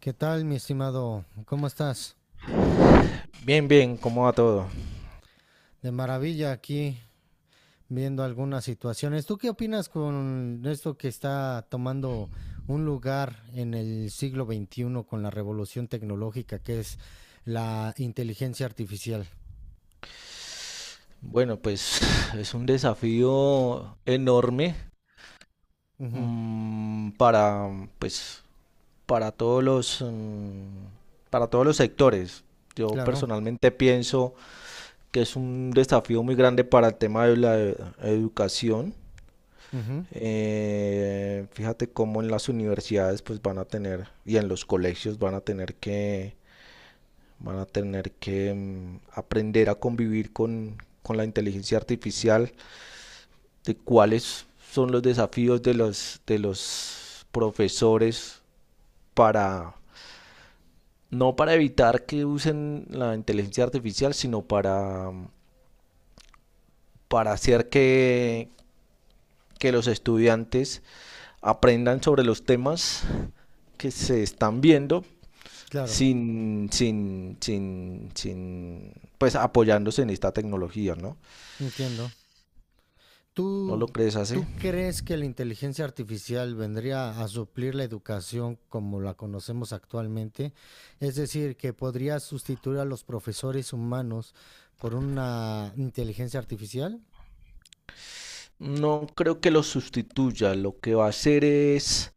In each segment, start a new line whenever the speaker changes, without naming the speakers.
¿Qué tal, mi estimado? ¿Cómo estás?
Bien, bien, ¿cómo va todo?
De maravilla aquí viendo algunas situaciones. ¿Tú qué opinas con esto que está tomando un lugar en el siglo XXI con la revolución tecnológica que es la inteligencia artificial?
Bueno, pues es un desafío enorme
Ujú,
para, pues, para todos los, para todos los sectores. Yo
claro,
personalmente pienso que es un desafío muy grande para el tema de la educación.
ujú,
Fíjate cómo en las universidades pues van a tener y en los colegios van a tener que van a tener que aprender a convivir con la inteligencia artificial, de cuáles son los desafíos de los profesores para, no para evitar que usen la inteligencia artificial, sino para, para hacer que los estudiantes aprendan sobre los temas que se están viendo
claro,
sin pues apoyándose en esta tecnología, ¿no?
entiendo.
¿No lo
¿Tú,
crees así?
tú crees que la inteligencia artificial vendría a suplir la educación como la conocemos actualmente? Es decir, ¿que podría sustituir a los profesores humanos por una inteligencia artificial?
No creo que lo sustituya. Lo que va a hacer es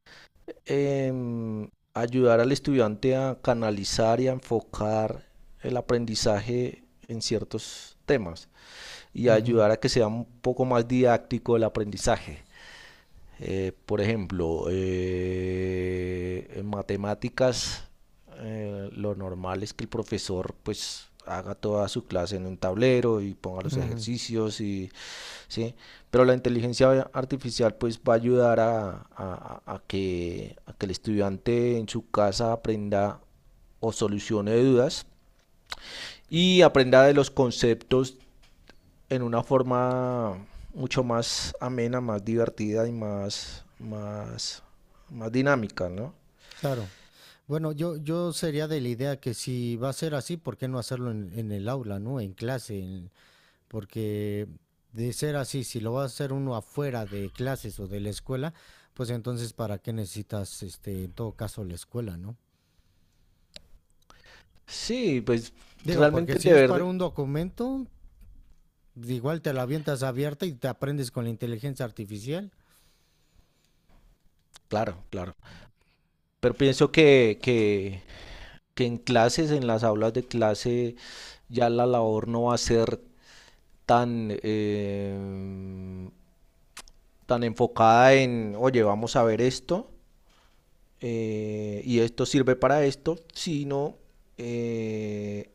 em, ayudar al estudiante a canalizar y a enfocar el aprendizaje en ciertos temas y
Ujú,
ayudar a que sea un poco más didáctico el aprendizaje. Por ejemplo, en matemáticas, lo normal es que el profesor pues haga toda su clase en un tablero y ponga los
ujú,
ejercicios y sí, pero la inteligencia artificial pues va a ayudar a, que, a que el estudiante en su casa aprenda o solucione dudas y aprenda de los conceptos en una forma mucho más amena, más divertida y más dinámica, ¿no?
claro. Bueno, yo sería de la idea que si va a ser así, ¿por qué no hacerlo en el aula, ¿no? En clase, porque de ser así, si lo va a hacer uno afuera de clases o de la escuela, pues entonces para qué necesitas, este, en todo caso, la escuela, ¿no?
Sí, pues
Digo, porque
realmente el
si es para
deber,
un documento, igual te la avientas abierta y te aprendes con la inteligencia artificial.
claro, claro. Pero pienso que en clases, en las aulas de clase, ya la labor no va a ser tan, tan enfocada en, oye, vamos a ver esto y esto sirve para esto, sino eh,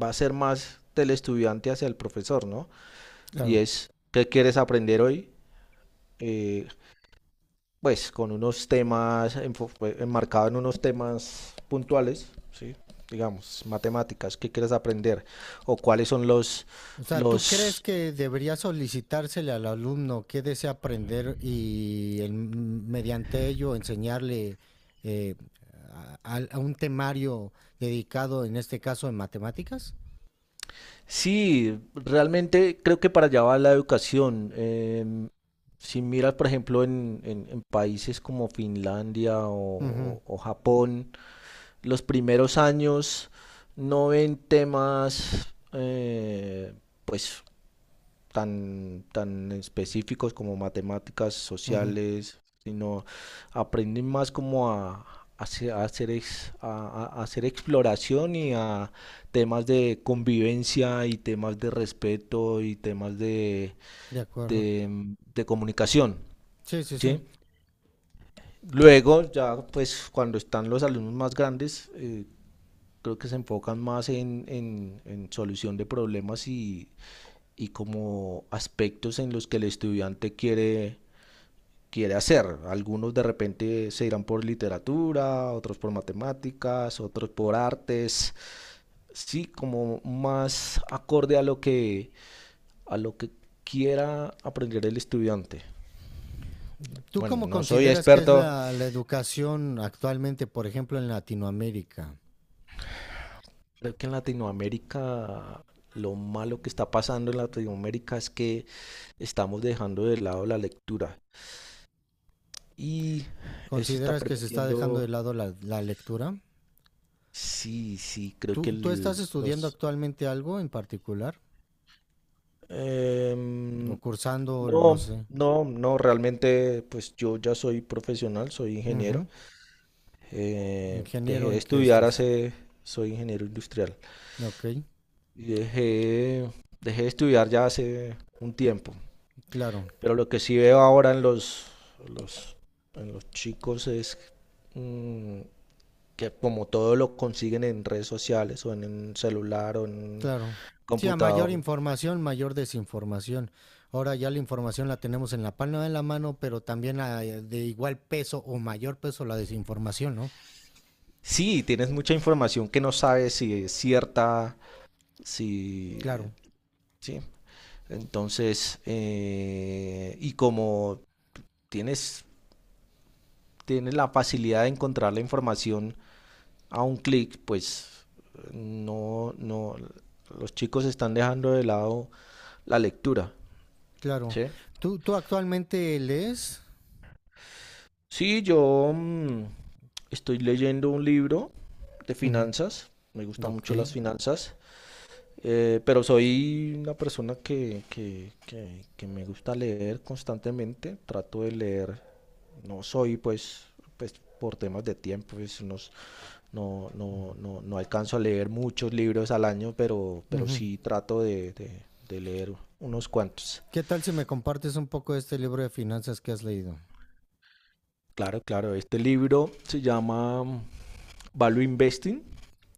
va a ser más del estudiante hacia el profesor, ¿no? Y
Claro.
es, ¿qué quieres aprender hoy? Eh, pues con unos temas, enmarcado en unos temas puntuales, ¿sí? Digamos, matemáticas, ¿qué quieres aprender? O cuáles son
O sea, ¿tú crees
los...
que debería solicitársele al alumno qué desea aprender y mediante ello enseñarle eh, a un temario dedicado, en este caso, en matemáticas?
Sí, realmente creo que para allá va la educación. Si miras, por ejemplo, en, en países como Finlandia
Ujú.
o Japón, los primeros años no ven temas pues tan, tan específicos como matemáticas
Ujú,
sociales, sino aprenden más como a hacer hacer exploración y a temas de convivencia y temas de respeto y temas
de acuerdo.
de comunicación,
Sí, sí, sí.
¿sí? Luego, ya pues cuando están los alumnos más grandes, creo que se enfocan más en, en solución de problemas y como aspectos en los que el estudiante quiere hacer. Algunos de repente se irán por literatura, otros por matemáticas, otros por artes. Sí, como más acorde a lo que quiera aprender el estudiante.
¿Tú
Bueno,
cómo
no soy
consideras que es
experto.
la educación actualmente, por ejemplo, en Latinoamérica?
Creo que en Latinoamérica lo malo que está pasando en Latinoamérica es que estamos dejando de lado la lectura. Y eso está
¿Consideras que se está dejando de
permitiendo,
lado la lectura?
sí, sí, creo que
¿Tú estás estudiando
los...
actualmente algo en particular? ¿O
em,
cursando, no
no,
sé?
no, no, realmente pues yo ya soy profesional, soy ingeniero.
Ujú.
Dejé
¿Ingeniero
de
en qué
estudiar
estás?
hace, soy ingeniero industrial.
Ok,
Y dejé de estudiar ya hace un tiempo.
claro,
Pero lo que sí veo ahora en los, en los chicos es mm, que como todo lo consiguen en redes sociales o en un celular o en
claro. Sí, a mayor
computador.
información, mayor desinformación. Ahora ya la información la tenemos en la palma de la mano, pero también a- de igual peso o mayor peso la desinformación, ¿no?
Sí, tienes mucha información que no sabes si es cierta, si...
Claro,
Sí. Entonces, y como tienes, tienes la facilidad de encontrar la información a un clic, pues no, no, los chicos están dejando de lado la lectura,
claro.
¿sí?
¿Tú actualmente lees?
Sí, yo estoy leyendo un libro de
Ujú,
finanzas, me gustan
ok,
mucho las finanzas. Pero soy una persona que me gusta leer constantemente, trato de leer, no soy pues, pues por temas de tiempo, pues, no, no, no, no alcanzo a leer muchos libros al año, pero
ujú.
sí trato de, de leer unos cuantos.
¿Qué tal si me compartes un poco de este libro de finanzas que has leído?
Claro, claro, este libro se llama Value Investing.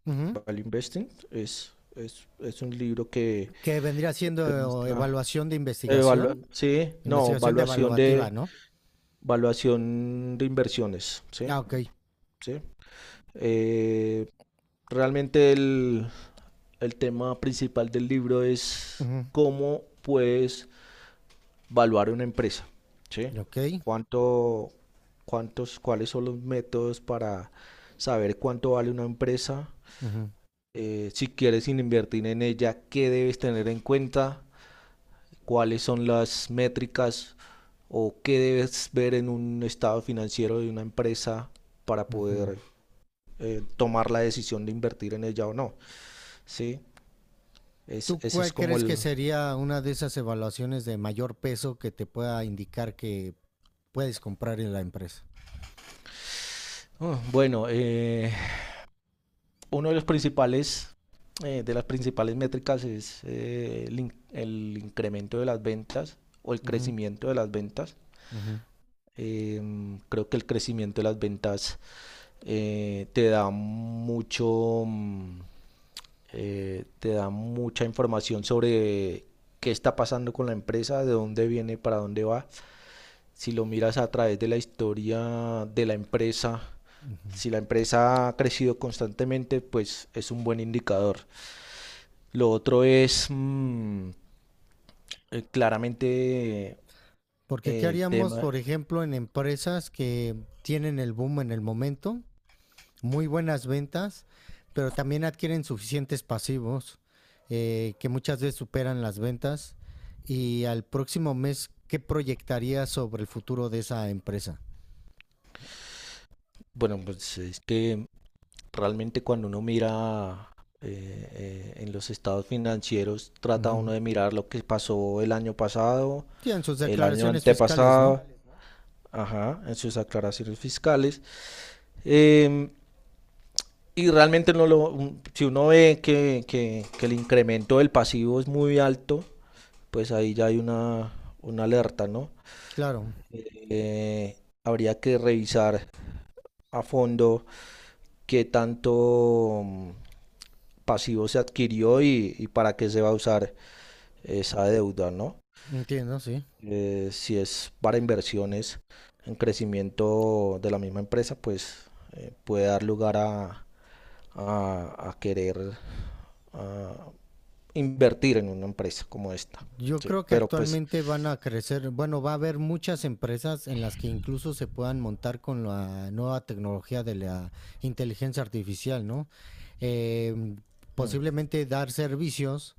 Ujú,
Value Investing es un libro que
¿que vendría
te
siendo
muestra...
evaluación de investigación?
sí, no,
¿Investigación de
evaluación
evaluativa,
de,
no?
valuación de inversiones, ¿sí?
Ah, ok.
¿Sí? Eh, Realmente el tema principal del libro es
Ujú,
cómo puedes valuar una empresa, ¿sí?
ok,
¿Cuánto, ¿cuáles son los métodos para saber cuánto vale una empresa?
ujú,
Si quieres invertir en ella, ¿qué debes tener en cuenta? ¿Cuáles son las métricas o qué debes ver en un estado financiero de una empresa para
ujú.
poder tomar la decisión de invertir en ella o no. ¿Sí? Es,
¿Tú
ese es
cuál
como
crees que
el...
sería una de esas evaluaciones de mayor peso que te pueda indicar que puedes comprar en la empresa?
Oh, bueno, uno de los principales... De las principales métricas es el incremento de las ventas o el
Ujú,
crecimiento de las ventas.
ujú.
Eh, Creo que el crecimiento de las ventas te da mucho, te da mucha información sobre qué está pasando con la empresa, de dónde viene, para dónde va. Si lo miras a través de la historia de la empresa, si la empresa ha crecido constantemente, pues es un buen indicador. Lo otro es claramente eh,
Porque ¿qué
el
haríamos,
tema,
por ejemplo, en empresas que tienen el boom en el momento, muy buenas ventas, pero también adquieren suficientes pasivos que muchas veces superan las ventas? Y al próximo mes, ¿qué proyectaría sobre el futuro de esa empresa?
bueno, pues es que realmente cuando uno mira eh, en los estados financieros, trata
Ujú.
uno de mirar lo que pasó el año pasado,
Tienen sus
el año
declaraciones fiscales, ¿no?
antepasado, ajá, en sus aclaraciones fiscales. Em, Y realmente no lo, si uno ve que el incremento del pasivo es muy alto, pues ahí ya hay una alerta, ¿no?
Claro,
Eh, Habría que revisar a fondo qué tanto pasivo se adquirió y para qué se va a usar esa deuda, ¿no?
entiendo, sí.
Si es para inversiones en crecimiento de la misma empresa, pues puede dar lugar a, a querer a invertir en una empresa como esta.
Yo
Sí,
creo que
pero pues,
actualmente van a crecer, bueno, va a haber muchas empresas en las que incluso se puedan montar con la nueva tecnología de la inteligencia artificial, ¿no? Eh,
mm,
posiblemente dar servicios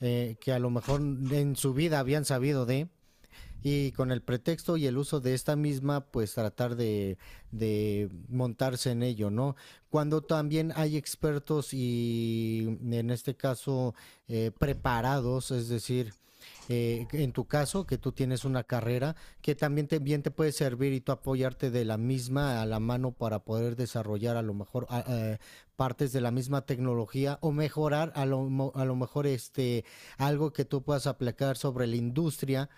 que a lo mejor en su vida habían sabido de, y con el pretexto y el uso de esta misma, pues tratar de, montarse en ello, ¿no? Cuando también hay expertos y en este caso preparados, es decir, en tu caso, que tú tienes una carrera que también te, bien te puede servir y tú apoyarte de la misma a la mano para poder desarrollar a lo mejor partes de la misma tecnología o mejorar a lo mejor este, algo que tú puedas aplicar sobre la industria,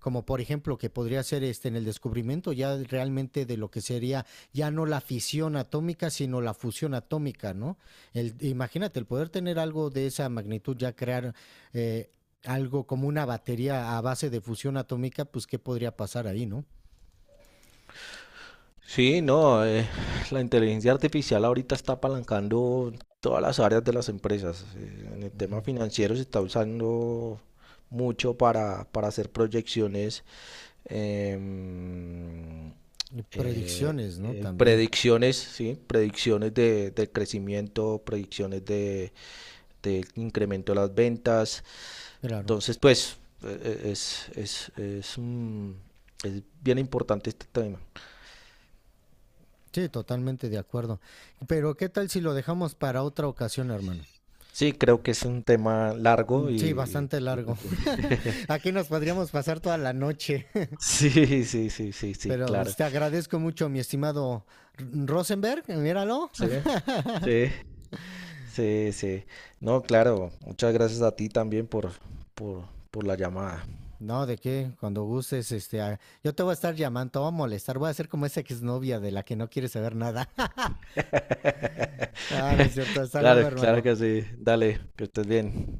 como por ejemplo, que podría ser este en el descubrimiento ya realmente de lo que sería ya no la fisión atómica, sino la fusión atómica, ¿no? El, imagínate el poder tener algo de esa magnitud, ya crear eh, algo como una batería a base de fusión atómica, pues qué podría pasar ahí, ¿no?
sí, no, la inteligencia artificial ahorita está apalancando todas las áreas de las empresas. En el tema financiero se está usando mucho para hacer proyecciones, em,
Y predicciones, ¿no? También,
predicciones, ¿sí? Predicciones de crecimiento, predicciones de incremento de las ventas.
claro,
Entonces, pues, e, e, es, es, es, un- es bien importante este tema.
sí, totalmente de acuerdo, pero qué tal si lo dejamos para otra ocasión, hermano.
Sí, creo que es un tema
Mm,
largo
sí,
y
bastante
yo
largo.
creo que...
Aquí nos podríamos pasar toda la noche.
Sí, sí, sí, sí, sí,
Pero
claro.
pues, te agradezco mucho, mi estimado, Rosenberg, míralo.
Sí, sí, sí, sí. No, claro, muchas gracias a ti también por la llamada.
No, de qué, cuando gustes, este, ah, yo te voy a estar llamando, te voy a molestar, voy a ser como esa exnovia de la que no quiere saber nada. Ah, no es cierto, hasta
Claro,
luego,
claro
hermano.
que sí. Dale, que estés bien.